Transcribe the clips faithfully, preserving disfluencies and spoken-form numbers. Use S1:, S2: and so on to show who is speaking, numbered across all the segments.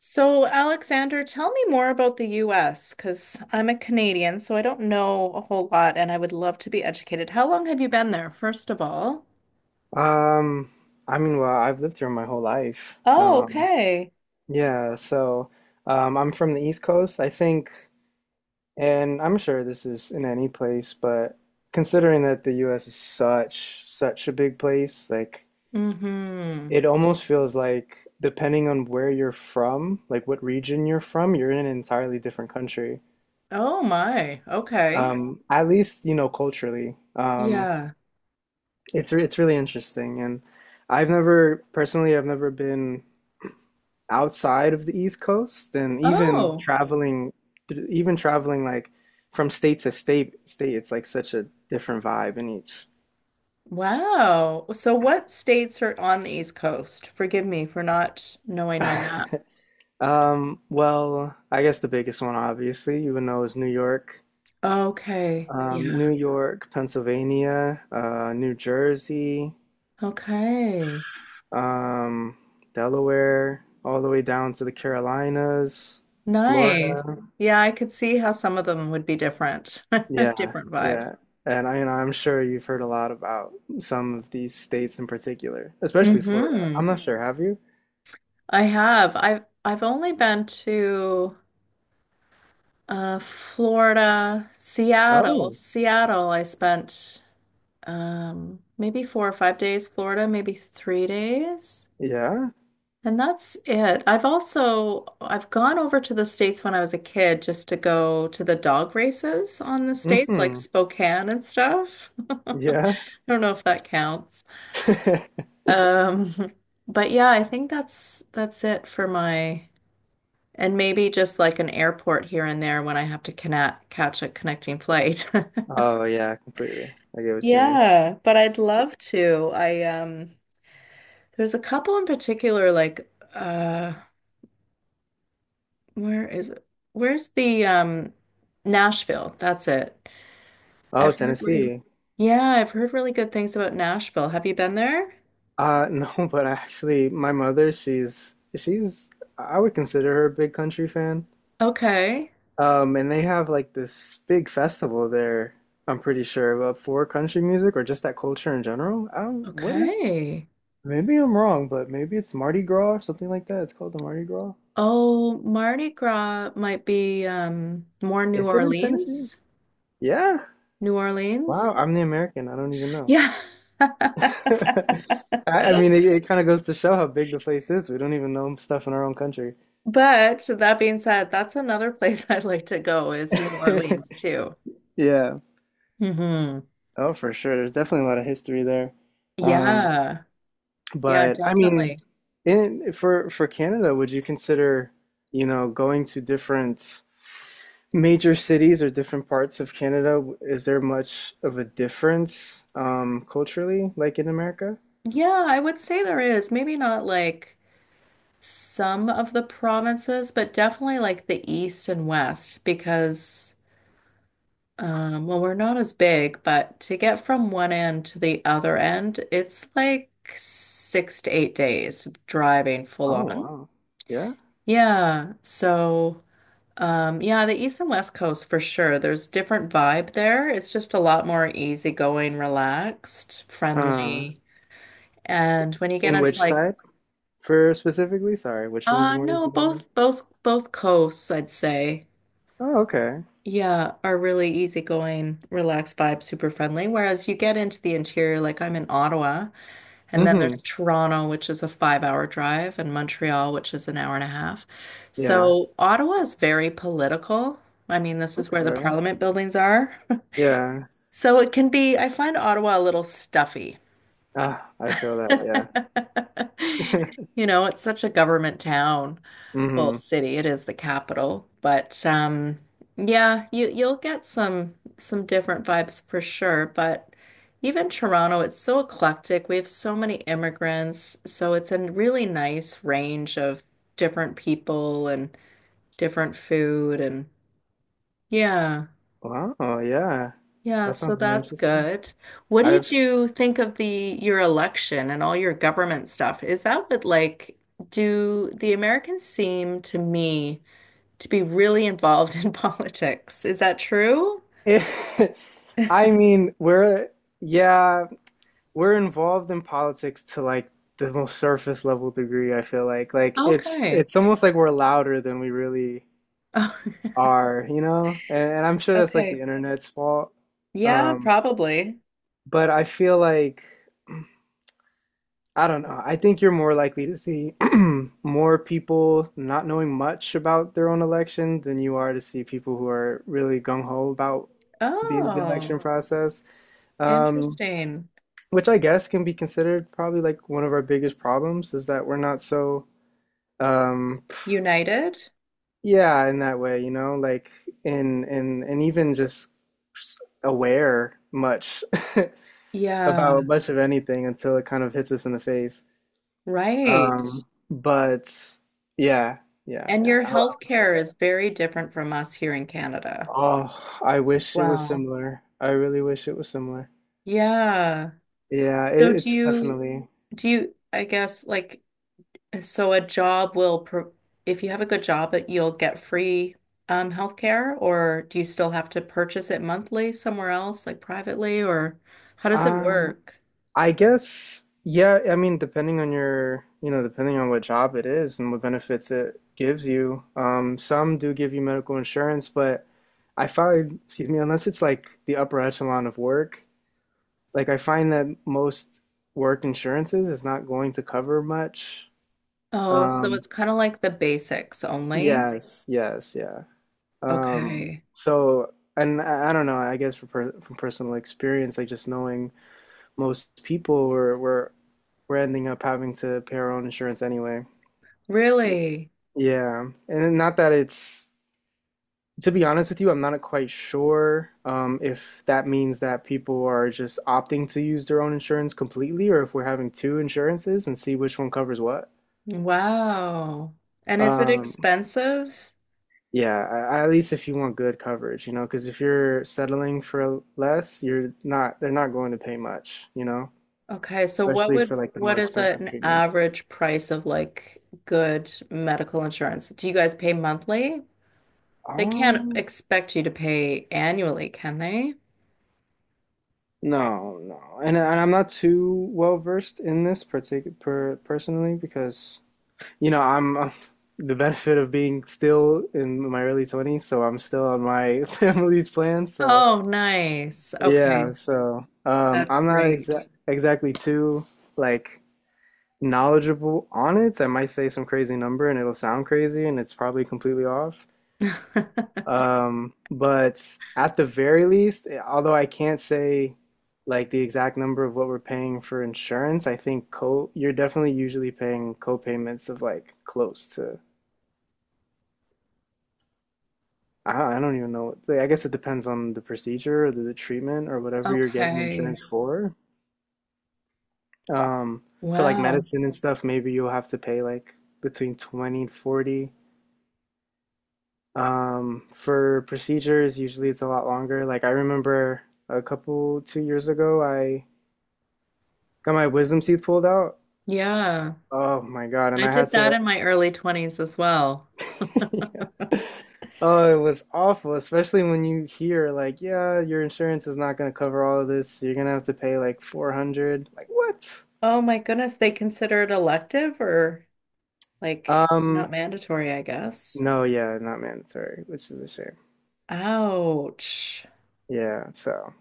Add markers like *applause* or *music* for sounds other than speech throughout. S1: So, Alexander, tell me more about the U S because I'm a Canadian, so I don't know a whole lot and I would love to be educated. How long have you been there, first of all?
S2: Um, I mean, well, I've lived here my whole life.
S1: Oh,
S2: Um,
S1: okay.
S2: yeah, so um, I'm from the East Coast, I think, and I'm sure this is in any place, but considering that the U S is such such a big place, like
S1: Mm-hmm.
S2: it almost feels like depending on where you're from, like what region you're from, you're in an entirely different country.
S1: Oh my. Okay.
S2: Um, at least, you know, culturally. Um,
S1: Yeah.
S2: it's re- it's really interesting, and I've never personally I've never been outside of the East Coast, and even
S1: Oh,
S2: traveling, even traveling like from state to state, state, it's like such a different vibe in each.
S1: wow. So what states are on the East Coast? Forgive me for not knowing my map.
S2: *laughs* Um, well, I guess the biggest one, obviously, you would know is New York,
S1: Okay.
S2: um, New
S1: Yeah.
S2: York, Pennsylvania, uh, New Jersey,
S1: Okay.
S2: um, Delaware, all the way down to the Carolinas,
S1: Nice.
S2: Florida.
S1: Yeah, I could see how some of them would be different. *laughs*
S2: Yeah,
S1: Different vibe.
S2: yeah. And I, you know, I'm sure you've heard a lot about some of these states in particular, especially Florida.
S1: Hmm.
S2: I'm not sure, have you?
S1: I have. I've I've only been to uh Florida, Seattle.
S2: Oh,
S1: Seattle, I spent um maybe four or five days, Florida, maybe three days.
S2: yeah.
S1: And that's it. I've also I've gone over to the States when I was a kid just to go to the dog races on the States, like
S2: Mm-hmm.
S1: Spokane and stuff. *laughs* I
S2: Yeah.
S1: don't know if that counts.
S2: *laughs*
S1: Um, *laughs* but yeah, I think that's that's it for my. And maybe just like an airport here and there when I have to connect catch a connecting flight. *laughs*
S2: Oh, yeah, completely. I get what you mean.
S1: Yeah, but I'd love to. I um there's a couple in particular like uh where is it? Where's the um Nashville? That's it.
S2: Oh,
S1: I've heard re-
S2: Tennessee.
S1: yeah, I've heard really good things about Nashville. Have you been there?
S2: Uh, no, *laughs* but actually, my mother, she's she's I would consider her a big country fan.
S1: Okay.
S2: Um, and they have like this big festival there, I'm pretty sure, uh, for country music or just that culture in general. Um, what is
S1: Okay.
S2: Maybe I'm wrong, but maybe it's Mardi Gras or something like that. It's called the Mardi Gras.
S1: Oh, Mardi Gras might be um more New
S2: Is it in Tennessee?
S1: Orleans.
S2: Yeah.
S1: New Orleans.
S2: Wow, I'm the American. I don't even know.
S1: Yeah.
S2: *laughs*
S1: *laughs*
S2: I, I mean, it, it kind of goes to show how big the place is. We don't even know stuff in our own country.
S1: But so that being said, that's another place *laughs* I'd like to go is New Orleans too.
S2: *laughs* Yeah.
S1: Hmm.
S2: Oh, for sure. There's definitely a lot of history there. Um,
S1: Yeah. Yeah,
S2: but I mean,
S1: definitely.
S2: in for for Canada, would you consider, you know, going to different major cities or different parts of Canada, is there much of a difference um culturally like in America?
S1: Yeah, I would say there is. Maybe not like some of the provinces, but definitely like the east and west because um well, we're not as big, but to get from one end to the other end, it's like six to eight days driving full
S2: Oh
S1: on.
S2: wow. Yeah.
S1: Yeah. So, um, yeah, the East and West Coast for sure. There's different vibe there. It's just a lot more easygoing, relaxed,
S2: Uh
S1: friendly. And when you get
S2: in
S1: into
S2: which
S1: like,
S2: side for specifically? Sorry, which one's the
S1: uh
S2: more
S1: no,
S2: easy one?
S1: both both both coasts, I'd say,
S2: Oh, okay.
S1: yeah, are really easygoing, relaxed vibe, super friendly. Whereas you get into the interior, like I'm in Ottawa, and then
S2: Mm-hmm.
S1: there's Toronto, which is a five hour drive, and Montreal, which is an hour and a half.
S2: Yeah.
S1: So Ottawa is very political. I mean, this is where the
S2: Okay.
S1: parliament buildings are.
S2: Yeah.
S1: So it can be, I find Ottawa a little stuffy.
S2: Ah, I feel that, yeah.
S1: *laughs*
S2: *laughs*
S1: You know, it's such a government town, well,
S2: Mm-hmm.
S1: city, it is the capital, but um yeah, you you'll get some some different vibes for sure, but even Toronto, it's so eclectic. We have so many immigrants, so it's a really nice range of different people and different food and yeah.
S2: Wow, yeah.
S1: Yeah,
S2: That
S1: so
S2: sounds really
S1: that's
S2: interesting.
S1: good. What did
S2: I've
S1: you think of the your election and all your government stuff? Is that what like do the Americans seem to me to be really involved in *laughs* politics? Is that true?
S2: *laughs* I mean, we're, yeah, we're involved in politics to like the most surface level degree, I feel like. Like it's
S1: Okay.
S2: it's almost like we're louder than we really
S1: Oh,
S2: are, you know? And, and I'm sure
S1: *laughs*
S2: that's like the
S1: okay.
S2: internet's fault.
S1: Yeah,
S2: Um,
S1: probably.
S2: but I feel like I don't know. I think you're more likely to see *clears throat* more people not knowing much about their own election than you are to see people who are really gung ho about the, the
S1: Oh,
S2: election process. Um,
S1: interesting.
S2: which I guess can be considered probably like one of our biggest problems is that we're not so um
S1: United?
S2: yeah, in that way, you know like, in in and even just aware much *laughs*
S1: Yeah,
S2: about much of anything until it kind of hits us in the face.
S1: right.
S2: um but yeah, yeah,
S1: And
S2: yeah,
S1: your
S2: I, I would say
S1: healthcare
S2: that.
S1: is very different from us here in Canada
S2: Oh, I
S1: as
S2: wish it was
S1: well.
S2: similar, I really wish it was similar,
S1: Yeah.
S2: yeah, it,
S1: So do
S2: it's
S1: you
S2: definitely.
S1: do you I guess like so a job will pro if you have a good job it you'll get free um healthcare or do you still have to purchase it monthly somewhere else like privately or how does it
S2: Uh,
S1: work?
S2: I guess, yeah, I mean, depending on your, you know, depending on what job it is and what benefits it gives you, um, some do give you medical insurance. But I find, excuse me, unless it's like the upper echelon of work, like I find that most work insurances is not going to cover much.
S1: Oh, so
S2: Um,
S1: it's kind of like the basics only.
S2: yes, yes, yeah. Um,
S1: Okay.
S2: so, and I, I don't know, I guess for per, from personal experience, like just knowing. Most people were were were ending up having to pay our own insurance anyway.
S1: Really?
S2: Yeah. And not that it's, to be honest with you, I'm not quite sure um, if that means that people are just opting to use their own insurance completely, or if we're having two insurances and see which one covers what.
S1: Wow. And is it
S2: Um,
S1: expensive?
S2: yeah, I- at least if you want good coverage, you know, because if you're settling for less, you're not, they're not going to pay much, you know,
S1: Okay, so what
S2: especially
S1: would
S2: for like the
S1: what
S2: more
S1: is
S2: expensive
S1: an
S2: treatments.
S1: average price of like good medical insurance? Do you guys pay monthly? They can't
S2: Um,
S1: expect you to pay annually, can they?
S2: No, no, and and I'm not too well versed in this particular per, personally because you know I'm, I *laughs* the benefit of being still in my early twenties, so I'm still on my *laughs* family's plan. So
S1: Oh, nice. Okay,
S2: yeah, so um,
S1: that's
S2: I'm not
S1: great.
S2: exa exactly too like knowledgeable on it. I might say some crazy number and it'll sound crazy, and it's probably completely off.
S1: *laughs*
S2: Um, but at the very least, eh, although I can't say like the exact number of what we're paying for insurance, I think co you're definitely usually paying co-payments of like close to I don't, I don't even know. Like, I guess it depends on the procedure or the, the treatment or whatever you're getting
S1: Okay.
S2: insurance for. Um, for like
S1: Wow.
S2: medicine and stuff, maybe you'll have to pay like between twenty and forty. Um, for procedures, usually it's a lot longer. Like I remember a couple, two years ago, I got my wisdom teeth pulled out.
S1: Yeah.
S2: Oh my God. And
S1: I
S2: I had
S1: did that
S2: to,
S1: in my early twenties as well.
S2: *laughs* yeah. Oh, it was awful, especially when you hear like, yeah, your insurance is not going to cover all of this. So you're going to have to pay like four hundred. Like, what?
S1: Oh my goodness, they consider it elective or like
S2: Um,
S1: not mandatory, I guess.
S2: no, yeah, not mandatory, which is a shame.
S1: Ouch.
S2: Yeah, so.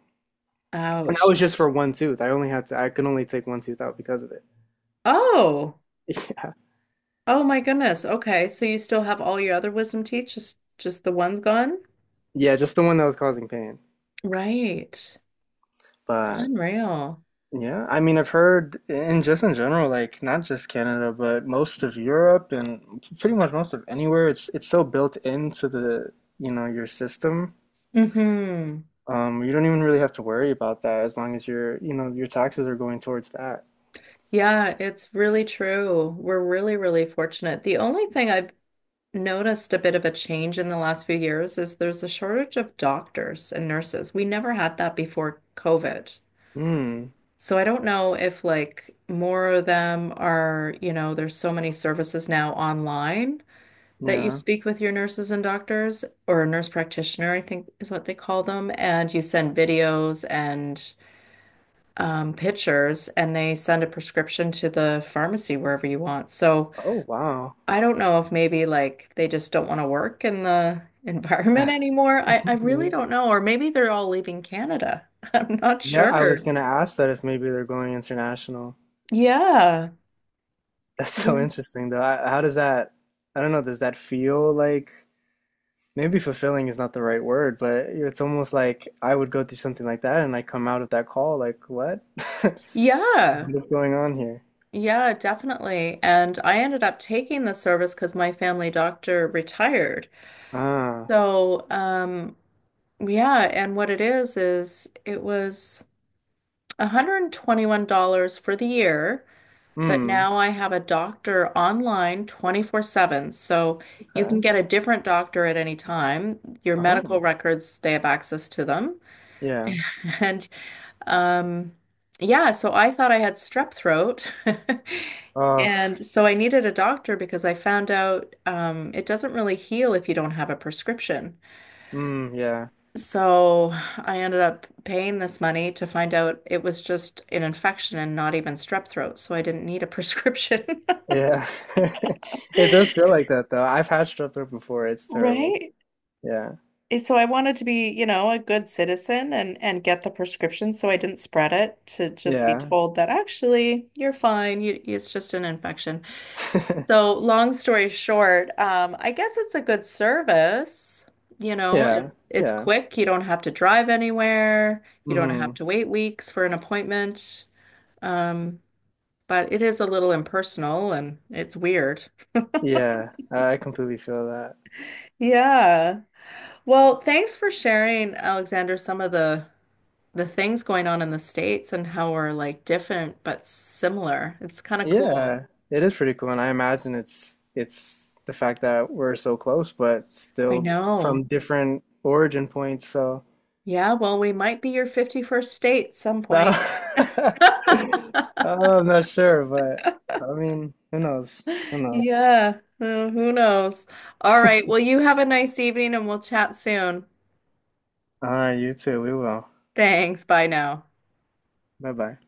S2: And that
S1: Ouch.
S2: was just for one tooth. I only had to, I could only take one tooth out because of it.
S1: Oh.
S2: *laughs* Yeah.
S1: Oh my goodness. Okay. So you still have all your other wisdom teeth, just just the one's gone?
S2: Yeah, just the one that was causing pain.
S1: Right.
S2: But
S1: Unreal.
S2: yeah, I mean, I've heard in just in general, like not just Canada, but most of Europe and pretty much most of anywhere, it's it's so built into the, you know, your system.
S1: Mm-hmm.
S2: Um, you don't even really have to worry about that as long as your, you know, your taxes are going towards that.
S1: Yeah, it's really true. We're really, really fortunate. The only thing I've noticed a bit of a change in the last few years is there's a shortage of doctors and nurses. We never had that before COVID.
S2: Hmm.
S1: So I don't know if like more of them are, you know, there's so many services now online that you
S2: Yeah.
S1: speak with your nurses and doctors, or a nurse practitioner, I think is what they call them, and you send videos and um, pictures, and they send a prescription to the pharmacy wherever you want. So
S2: Oh, wow.
S1: I don't know if maybe like they just don't want to work in the *laughs* environment anymore. I, I really don't
S2: *laughs*
S1: know. Or maybe they're all leaving Canada. *laughs* I'm not
S2: Yeah, I was
S1: sure.
S2: gonna ask that if maybe they're going international.
S1: Yeah.
S2: That's so
S1: Yeah.
S2: interesting, though. I, how does that? I don't know. Does that feel like? Maybe fulfilling is not the right word, but it's almost like I would go through something like that and I come out of that call like, what? *laughs*
S1: Yeah.
S2: What is going on here?
S1: Yeah, definitely. And I ended up taking the service because my family doctor retired.
S2: Ah,
S1: So, um, yeah, and what it is is it was one hundred twenty-one dollars for the year, but
S2: hmm,
S1: now I have a doctor online twenty-four seven. So you can
S2: okay.
S1: get a different doctor at any time. Your medical
S2: Oh,
S1: records, they have access to them. *laughs*
S2: yeah.
S1: And um, yeah, so I thought I had strep throat. *laughs*
S2: Oh,
S1: And so I needed a doctor because I found out um, it doesn't really heal if you don't have a prescription.
S2: mm, yeah.
S1: So I ended up paying this money to find out it was just an infection and not even strep throat, so I didn't need a *laughs* prescription.
S2: Yeah. *laughs* It does feel like that though. I've had strep throat before. It's terrible.
S1: Right?
S2: Yeah.
S1: And so I wanted to be, you know, a good citizen and and get the prescription so I didn't spread it to just be
S2: Yeah.
S1: told that actually you're fine. You, it's just an infection.
S2: *laughs*
S1: So long story short, um, I guess it's a good service. You know,
S2: Yeah.
S1: it's it's
S2: Yeah.
S1: quick. You don't have to drive anywhere. You don't have
S2: Hmm.
S1: to wait weeks for an appointment. Um, but it is a little impersonal and it's weird.
S2: Yeah. I completely feel that.
S1: Yeah. Well, thanks for sharing, Alexander, some of the the things going on in the States and how we're like different but similar. It's kind of cool.
S2: Yeah, it is pretty cool, and I imagine it's it's the fact that we're so close, but
S1: I
S2: still
S1: know.
S2: from different origin points. So
S1: Yeah, well, we might be your fifty-first state some
S2: no,
S1: point.
S2: *laughs*
S1: *laughs*
S2: I'm not sure, but I mean, who knows? Who knows?
S1: Yeah, who who knows? All right. Well, you have a nice evening and we'll chat soon.
S2: All right, you too. We will.
S1: Thanks. Bye now.
S2: Bye bye.